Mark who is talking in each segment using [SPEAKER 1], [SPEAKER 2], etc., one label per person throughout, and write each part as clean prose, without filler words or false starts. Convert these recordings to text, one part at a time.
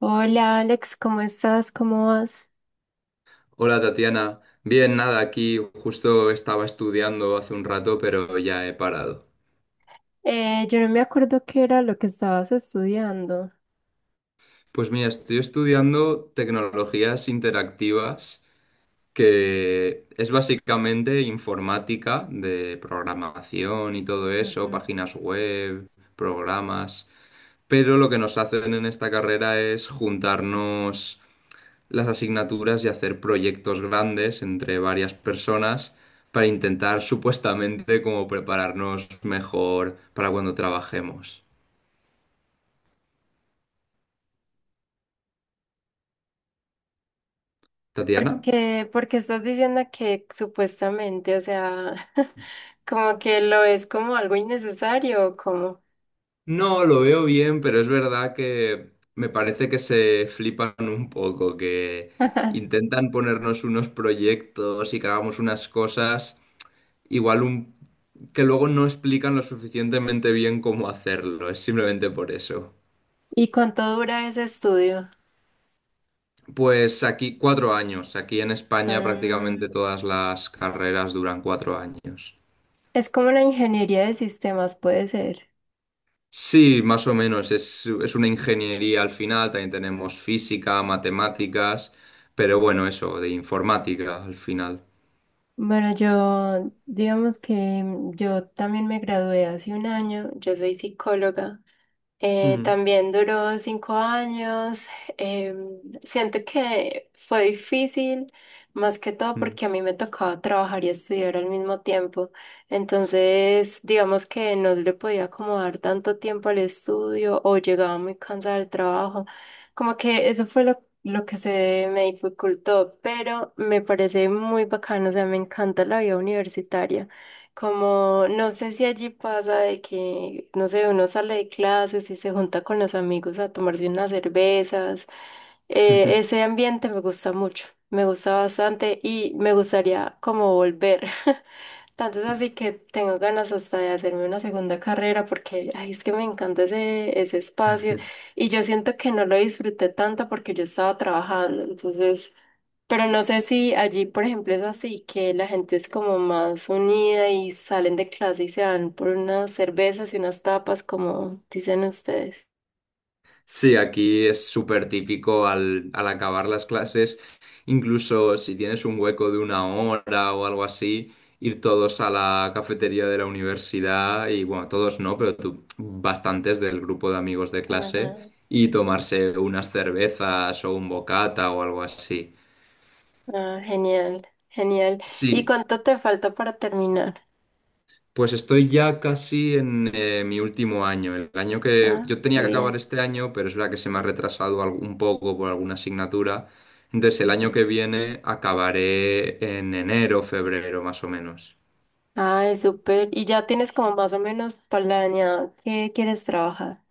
[SPEAKER 1] Hola Alex, ¿cómo estás? ¿Cómo vas?
[SPEAKER 2] Hola Tatiana, bien, nada, aquí justo estaba estudiando hace un rato, pero ya he parado.
[SPEAKER 1] Yo no me acuerdo qué era lo que estabas estudiando.
[SPEAKER 2] Pues mira, estoy estudiando tecnologías interactivas, que es básicamente informática de programación y todo eso,
[SPEAKER 1] Ujú.
[SPEAKER 2] páginas web, programas, pero lo que nos hacen en esta carrera es juntarnos las asignaturas y hacer proyectos grandes entre varias personas para intentar supuestamente como prepararnos mejor para cuando trabajemos. ¿Tatiana?
[SPEAKER 1] Porque estás diciendo que supuestamente, o sea, como que lo es como algo innecesario, o ¿cómo?
[SPEAKER 2] No, lo veo bien, pero es verdad que me parece que se flipan un poco, que intentan ponernos unos proyectos y que hagamos unas cosas igual que luego no explican lo suficientemente bien cómo hacerlo, es simplemente por eso.
[SPEAKER 1] ¿Y cuánto dura ese estudio?
[SPEAKER 2] Pues aquí 4 años. Aquí en España
[SPEAKER 1] Mm,
[SPEAKER 2] prácticamente todas las carreras duran 4 años.
[SPEAKER 1] es como la ingeniería de sistemas, puede ser.
[SPEAKER 2] Sí, más o menos. Es una ingeniería al final. También tenemos física, matemáticas, pero bueno, eso, de informática al final.
[SPEAKER 1] Bueno, yo, digamos que yo también me gradué hace un año, yo soy psicóloga.
[SPEAKER 2] Mm,
[SPEAKER 1] También duró 5 años. Em, Siento que fue difícil, más que todo
[SPEAKER 2] mm.
[SPEAKER 1] porque a mí me tocaba trabajar y estudiar al mismo tiempo. Entonces, digamos que no le podía acomodar tanto tiempo al estudio o llegaba muy cansada del trabajo. Como que eso fue lo que se me dificultó, pero me parece muy bacano, o sea, me encanta la vida universitaria. Como, no sé si allí pasa de que, no sé, uno sale de clases y se junta con los amigos a tomarse unas cervezas. Ese ambiente me gusta mucho, me gusta bastante y me gustaría como volver. Tanto es así que tengo ganas hasta de hacerme una segunda carrera porque, ay, es que me encanta ese espacio y yo siento que no lo disfruté tanto porque yo estaba trabajando, entonces... Pero no sé si allí, por ejemplo, es así, que la gente es como más unida y salen de clase y se van por unas cervezas y unas tapas, como dicen ustedes.
[SPEAKER 2] Sí, aquí es súper típico al acabar las clases, incluso si tienes un hueco de 1 hora o algo así, ir todos a la cafetería de la universidad y bueno, todos no, pero tú, bastantes del grupo de amigos de clase
[SPEAKER 1] Ajá.
[SPEAKER 2] y tomarse unas cervezas o un bocata o algo así.
[SPEAKER 1] Ah, genial, genial. ¿Y
[SPEAKER 2] Sí,
[SPEAKER 1] cuánto te falta para terminar?
[SPEAKER 2] pues estoy ya casi en mi último año. El año que
[SPEAKER 1] Ah,
[SPEAKER 2] yo tenía
[SPEAKER 1] qué
[SPEAKER 2] que acabar
[SPEAKER 1] bien.
[SPEAKER 2] este año, pero es verdad que se me ha retrasado un poco por alguna asignatura. Entonces el año
[SPEAKER 1] Ujú.
[SPEAKER 2] que viene acabaré en enero, febrero, más o menos.
[SPEAKER 1] Ay, súper. ¿Y ya tienes como más o menos planeado qué quieres trabajar?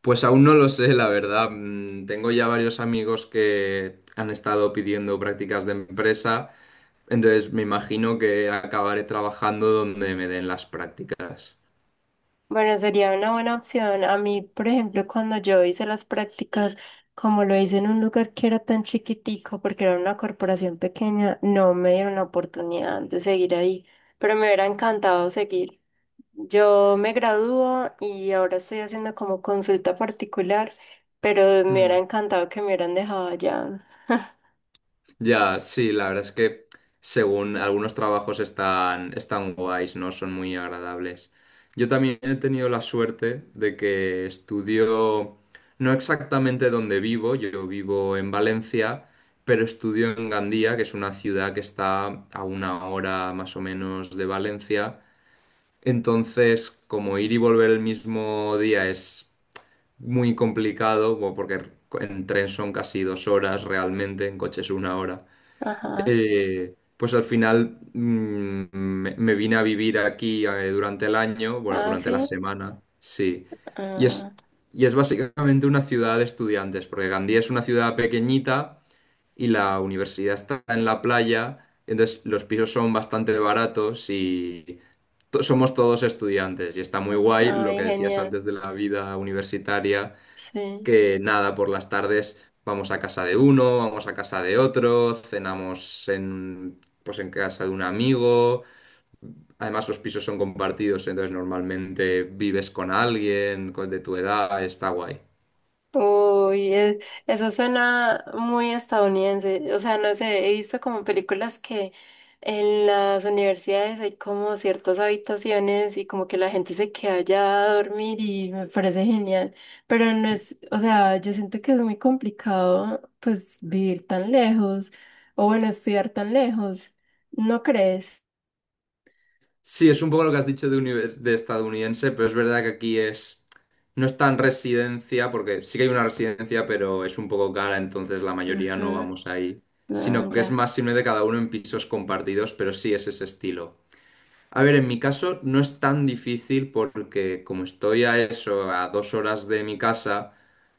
[SPEAKER 2] Pues aún no lo sé, la verdad. Tengo ya varios amigos que han estado pidiendo prácticas de empresa. Entonces me imagino que acabaré trabajando donde me den las prácticas.
[SPEAKER 1] Bueno, sería una buena opción. A mí, por ejemplo, cuando yo hice las prácticas, como lo hice en un lugar que era tan chiquitico, porque era una corporación pequeña, no me dieron la oportunidad de seguir ahí, pero me hubiera encantado seguir. Yo me gradúo y ahora estoy haciendo como consulta particular, pero me hubiera encantado que me hubieran dejado allá.
[SPEAKER 2] Ya, sí, la verdad es que según algunos trabajos están guays, ¿no? Son muy agradables. Yo también he tenido la suerte de que estudio, no exactamente donde vivo, yo vivo en Valencia, pero estudio en Gandía, que es una ciudad que está a 1 hora más o menos de Valencia. Entonces, como ir y volver el mismo día es muy complicado, bueno, porque en tren son casi 2 horas realmente, en coche es 1 hora
[SPEAKER 1] Ajá.
[SPEAKER 2] pues al final me vine a vivir aquí durante el año, bueno,
[SPEAKER 1] Ah,
[SPEAKER 2] durante la
[SPEAKER 1] sí.
[SPEAKER 2] semana, sí. Y es,
[SPEAKER 1] Ah,
[SPEAKER 2] y es básicamente una ciudad de estudiantes, porque Gandía es una ciudad pequeñita y la universidad está en la playa, entonces los pisos son bastante baratos y somos todos estudiantes. Y está muy guay lo
[SPEAKER 1] ay,
[SPEAKER 2] que decías
[SPEAKER 1] genial.
[SPEAKER 2] antes de la vida universitaria
[SPEAKER 1] Sí.
[SPEAKER 2] que nada, por las tardes vamos a casa de uno, vamos a casa de otro, cenamos en, pues en casa de un amigo. Además, los pisos son compartidos, entonces normalmente vives con alguien de tu edad, está guay.
[SPEAKER 1] Uy, es- Eso suena muy estadounidense. O sea, no sé, he visto como películas que en las universidades hay como ciertas habitaciones y como que la gente se queda allá a dormir y me parece genial. Pero no es, o sea, yo siento que es muy complicado pues vivir tan lejos o bueno, estudiar tan lejos. ¿No crees?
[SPEAKER 2] Sí, es un poco lo que has dicho de estadounidense, pero es verdad que aquí es. No es tan residencia, porque sí que hay una residencia, pero es un poco cara, entonces la mayoría no
[SPEAKER 1] Ujú,
[SPEAKER 2] vamos ahí. Sino
[SPEAKER 1] no,
[SPEAKER 2] que es
[SPEAKER 1] ya.
[SPEAKER 2] más de cada uno en pisos compartidos, pero sí es ese estilo. A ver, en mi caso no es tan difícil porque como estoy a eso, a 2 horas de mi casa,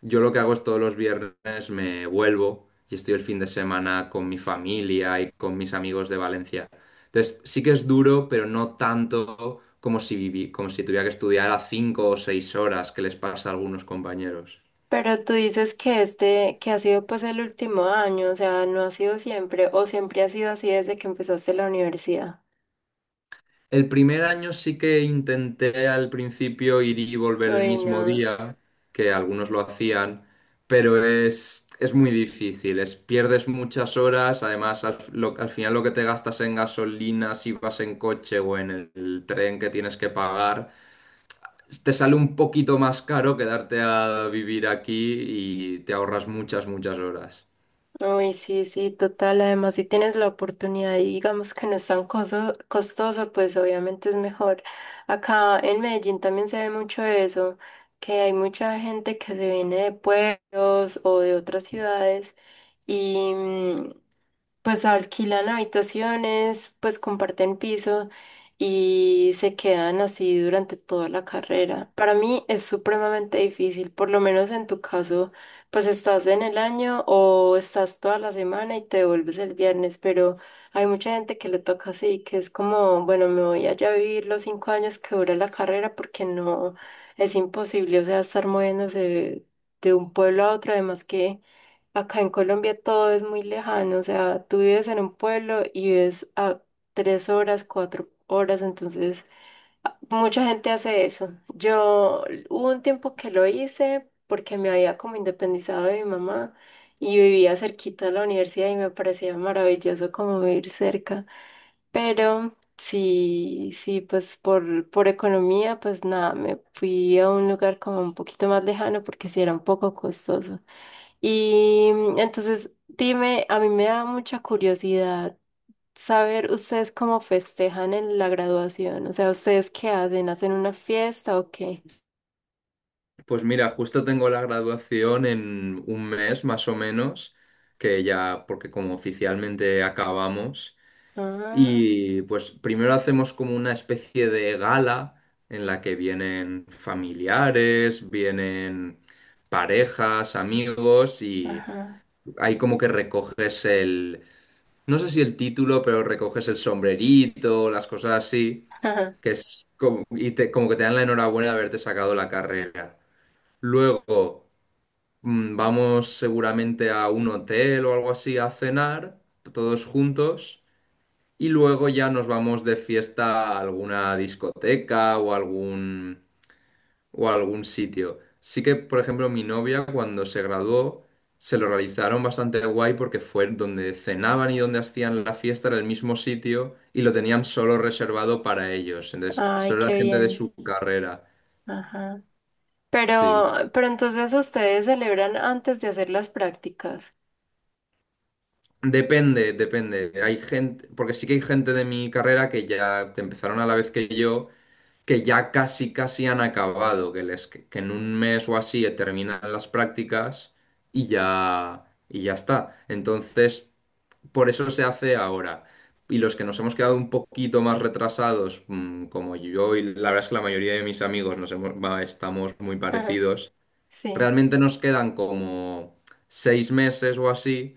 [SPEAKER 2] yo lo que hago es todos los viernes me vuelvo y estoy el fin de semana con mi familia y con mis amigos de Valencia. Entonces, sí que es duro, pero no tanto como si tuviera que estudiar a 5 o 6 horas que les pasa a algunos compañeros.
[SPEAKER 1] Pero tú dices que este, que ha sido pues el último año, o sea, no ha sido siempre, o siempre ha sido así desde que empezaste la universidad.
[SPEAKER 2] El primer año sí que intenté al principio ir y volver el
[SPEAKER 1] Uy, no.
[SPEAKER 2] mismo día, que algunos lo hacían, pero es muy difícil, es, pierdes muchas horas, además al final lo que te gastas en gasolina, si vas en coche o en el tren que tienes que pagar, te sale un poquito más caro quedarte a vivir aquí y te ahorras muchas, muchas horas.
[SPEAKER 1] Uy, sí, sí, total. Además, si tienes la oportunidad y digamos que no es tan costoso, pues obviamente es mejor. Acá en Medellín también se ve mucho eso, que hay mucha gente que se viene de pueblos o de otras ciudades. Y, mm, pues alquilan habitaciones, pues comparten piso y se quedan así durante toda la carrera. Para mí es supremamente difícil, por lo menos en tu caso, pues estás en el año o estás toda la semana y te vuelves el viernes, pero hay mucha gente que le toca así, que es como, bueno, me voy allá a vivir los 5 años que dura la carrera porque no, es imposible, o sea, estar moviéndose de un pueblo a otro, además que... Acá en Colombia todo es muy lejano, o sea, tú vives en un pueblo y ves a 3 horas, 4 horas, entonces mucha gente hace eso. Yo hubo un tiempo que lo hice porque me había como independizado de mi mamá y vivía cerquita a la universidad y me parecía maravilloso como vivir cerca, pero sí, sí, pues por economía, pues nada, me fui a un lugar como un poquito más lejano porque sí era un poco costoso. Y mm, entonces, dime, a mí me da mucha curiosidad saber ustedes cómo festejan en la graduación. O sea, ¿ustedes qué hacen? ¿Hacen una fiesta o qué?
[SPEAKER 2] Pues mira, justo tengo la graduación en un mes más o menos, que ya, porque como oficialmente acabamos,
[SPEAKER 1] Ah,
[SPEAKER 2] y pues primero hacemos como una especie de gala en la que vienen familiares, vienen parejas, amigos, y
[SPEAKER 1] ajá.
[SPEAKER 2] ahí como que recoges el, no sé si el título, pero recoges el sombrerito, las cosas así, que es como, y como que te dan la enhorabuena de haberte sacado la carrera. Luego. Vamos seguramente a un hotel o algo así a cenar, todos juntos, y luego ya nos vamos de fiesta a alguna discoteca o algún, o a algún sitio. Sí que, por ejemplo, mi novia cuando se graduó, se lo realizaron bastante guay porque fue donde cenaban y donde hacían la fiesta, era el mismo sitio y lo tenían solo reservado para ellos. Entonces,
[SPEAKER 1] Ay,
[SPEAKER 2] solo
[SPEAKER 1] qué
[SPEAKER 2] era gente de
[SPEAKER 1] bien.
[SPEAKER 2] su carrera.
[SPEAKER 1] Ajá. Pero,
[SPEAKER 2] Sí.
[SPEAKER 1] pero entonces ustedes celebran antes de hacer las prácticas.
[SPEAKER 2] Depende, depende. Hay gente, porque sí que hay gente de mi carrera que ya empezaron a la vez que yo, que ya casi, casi han acabado, que que en un mes o así terminan las prácticas y ya está. Entonces, por eso se hace ahora. Y los que nos hemos quedado un poquito más retrasados, como yo y la verdad es que la mayoría de mis amigos nos hemos, va, estamos muy
[SPEAKER 1] Ajá.
[SPEAKER 2] parecidos,
[SPEAKER 1] Sí.
[SPEAKER 2] realmente nos quedan como 6 meses o así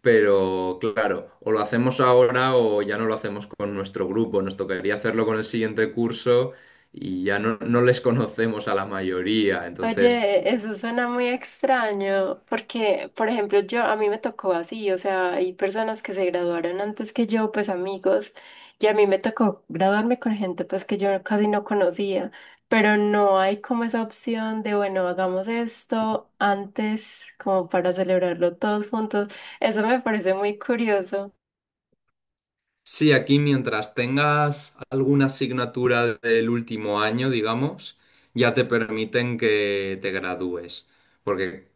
[SPEAKER 2] pero claro, o lo hacemos ahora o ya no lo hacemos con nuestro grupo. Nos tocaría hacerlo con el siguiente curso y ya no, no les conocemos a la mayoría. Entonces,
[SPEAKER 1] Oye, eso suena muy extraño, porque, por ejemplo, yo, a mí me tocó así, o sea, hay personas que se graduaron antes que yo, pues amigos, y a mí me tocó graduarme con gente pues que yo casi no conocía, pero no hay como esa opción de, bueno, hagamos esto antes, como para celebrarlo todos juntos. Eso me parece muy curioso.
[SPEAKER 2] sí, aquí mientras tengas alguna asignatura del último año, digamos, ya te permiten que te gradúes. Porque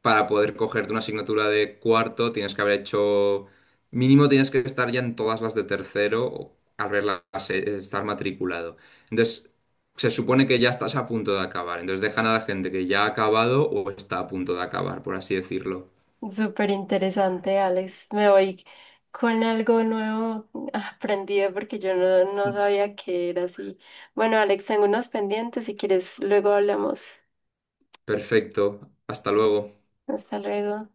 [SPEAKER 2] para poder cogerte una asignatura de cuarto tienes que haber hecho, mínimo tienes que estar ya en todas las de tercero o haberlas, estar matriculado. Entonces, se supone que ya estás a punto de acabar. Entonces dejan a la gente que ya ha acabado o está a punto de acabar, por así decirlo.
[SPEAKER 1] Súper interesante, Alex. Me voy con algo nuevo aprendido porque yo no sabía que era así. Bueno, Alex, tengo unos pendientes. Si quieres, luego hablamos.
[SPEAKER 2] Perfecto. Hasta luego.
[SPEAKER 1] Hasta luego.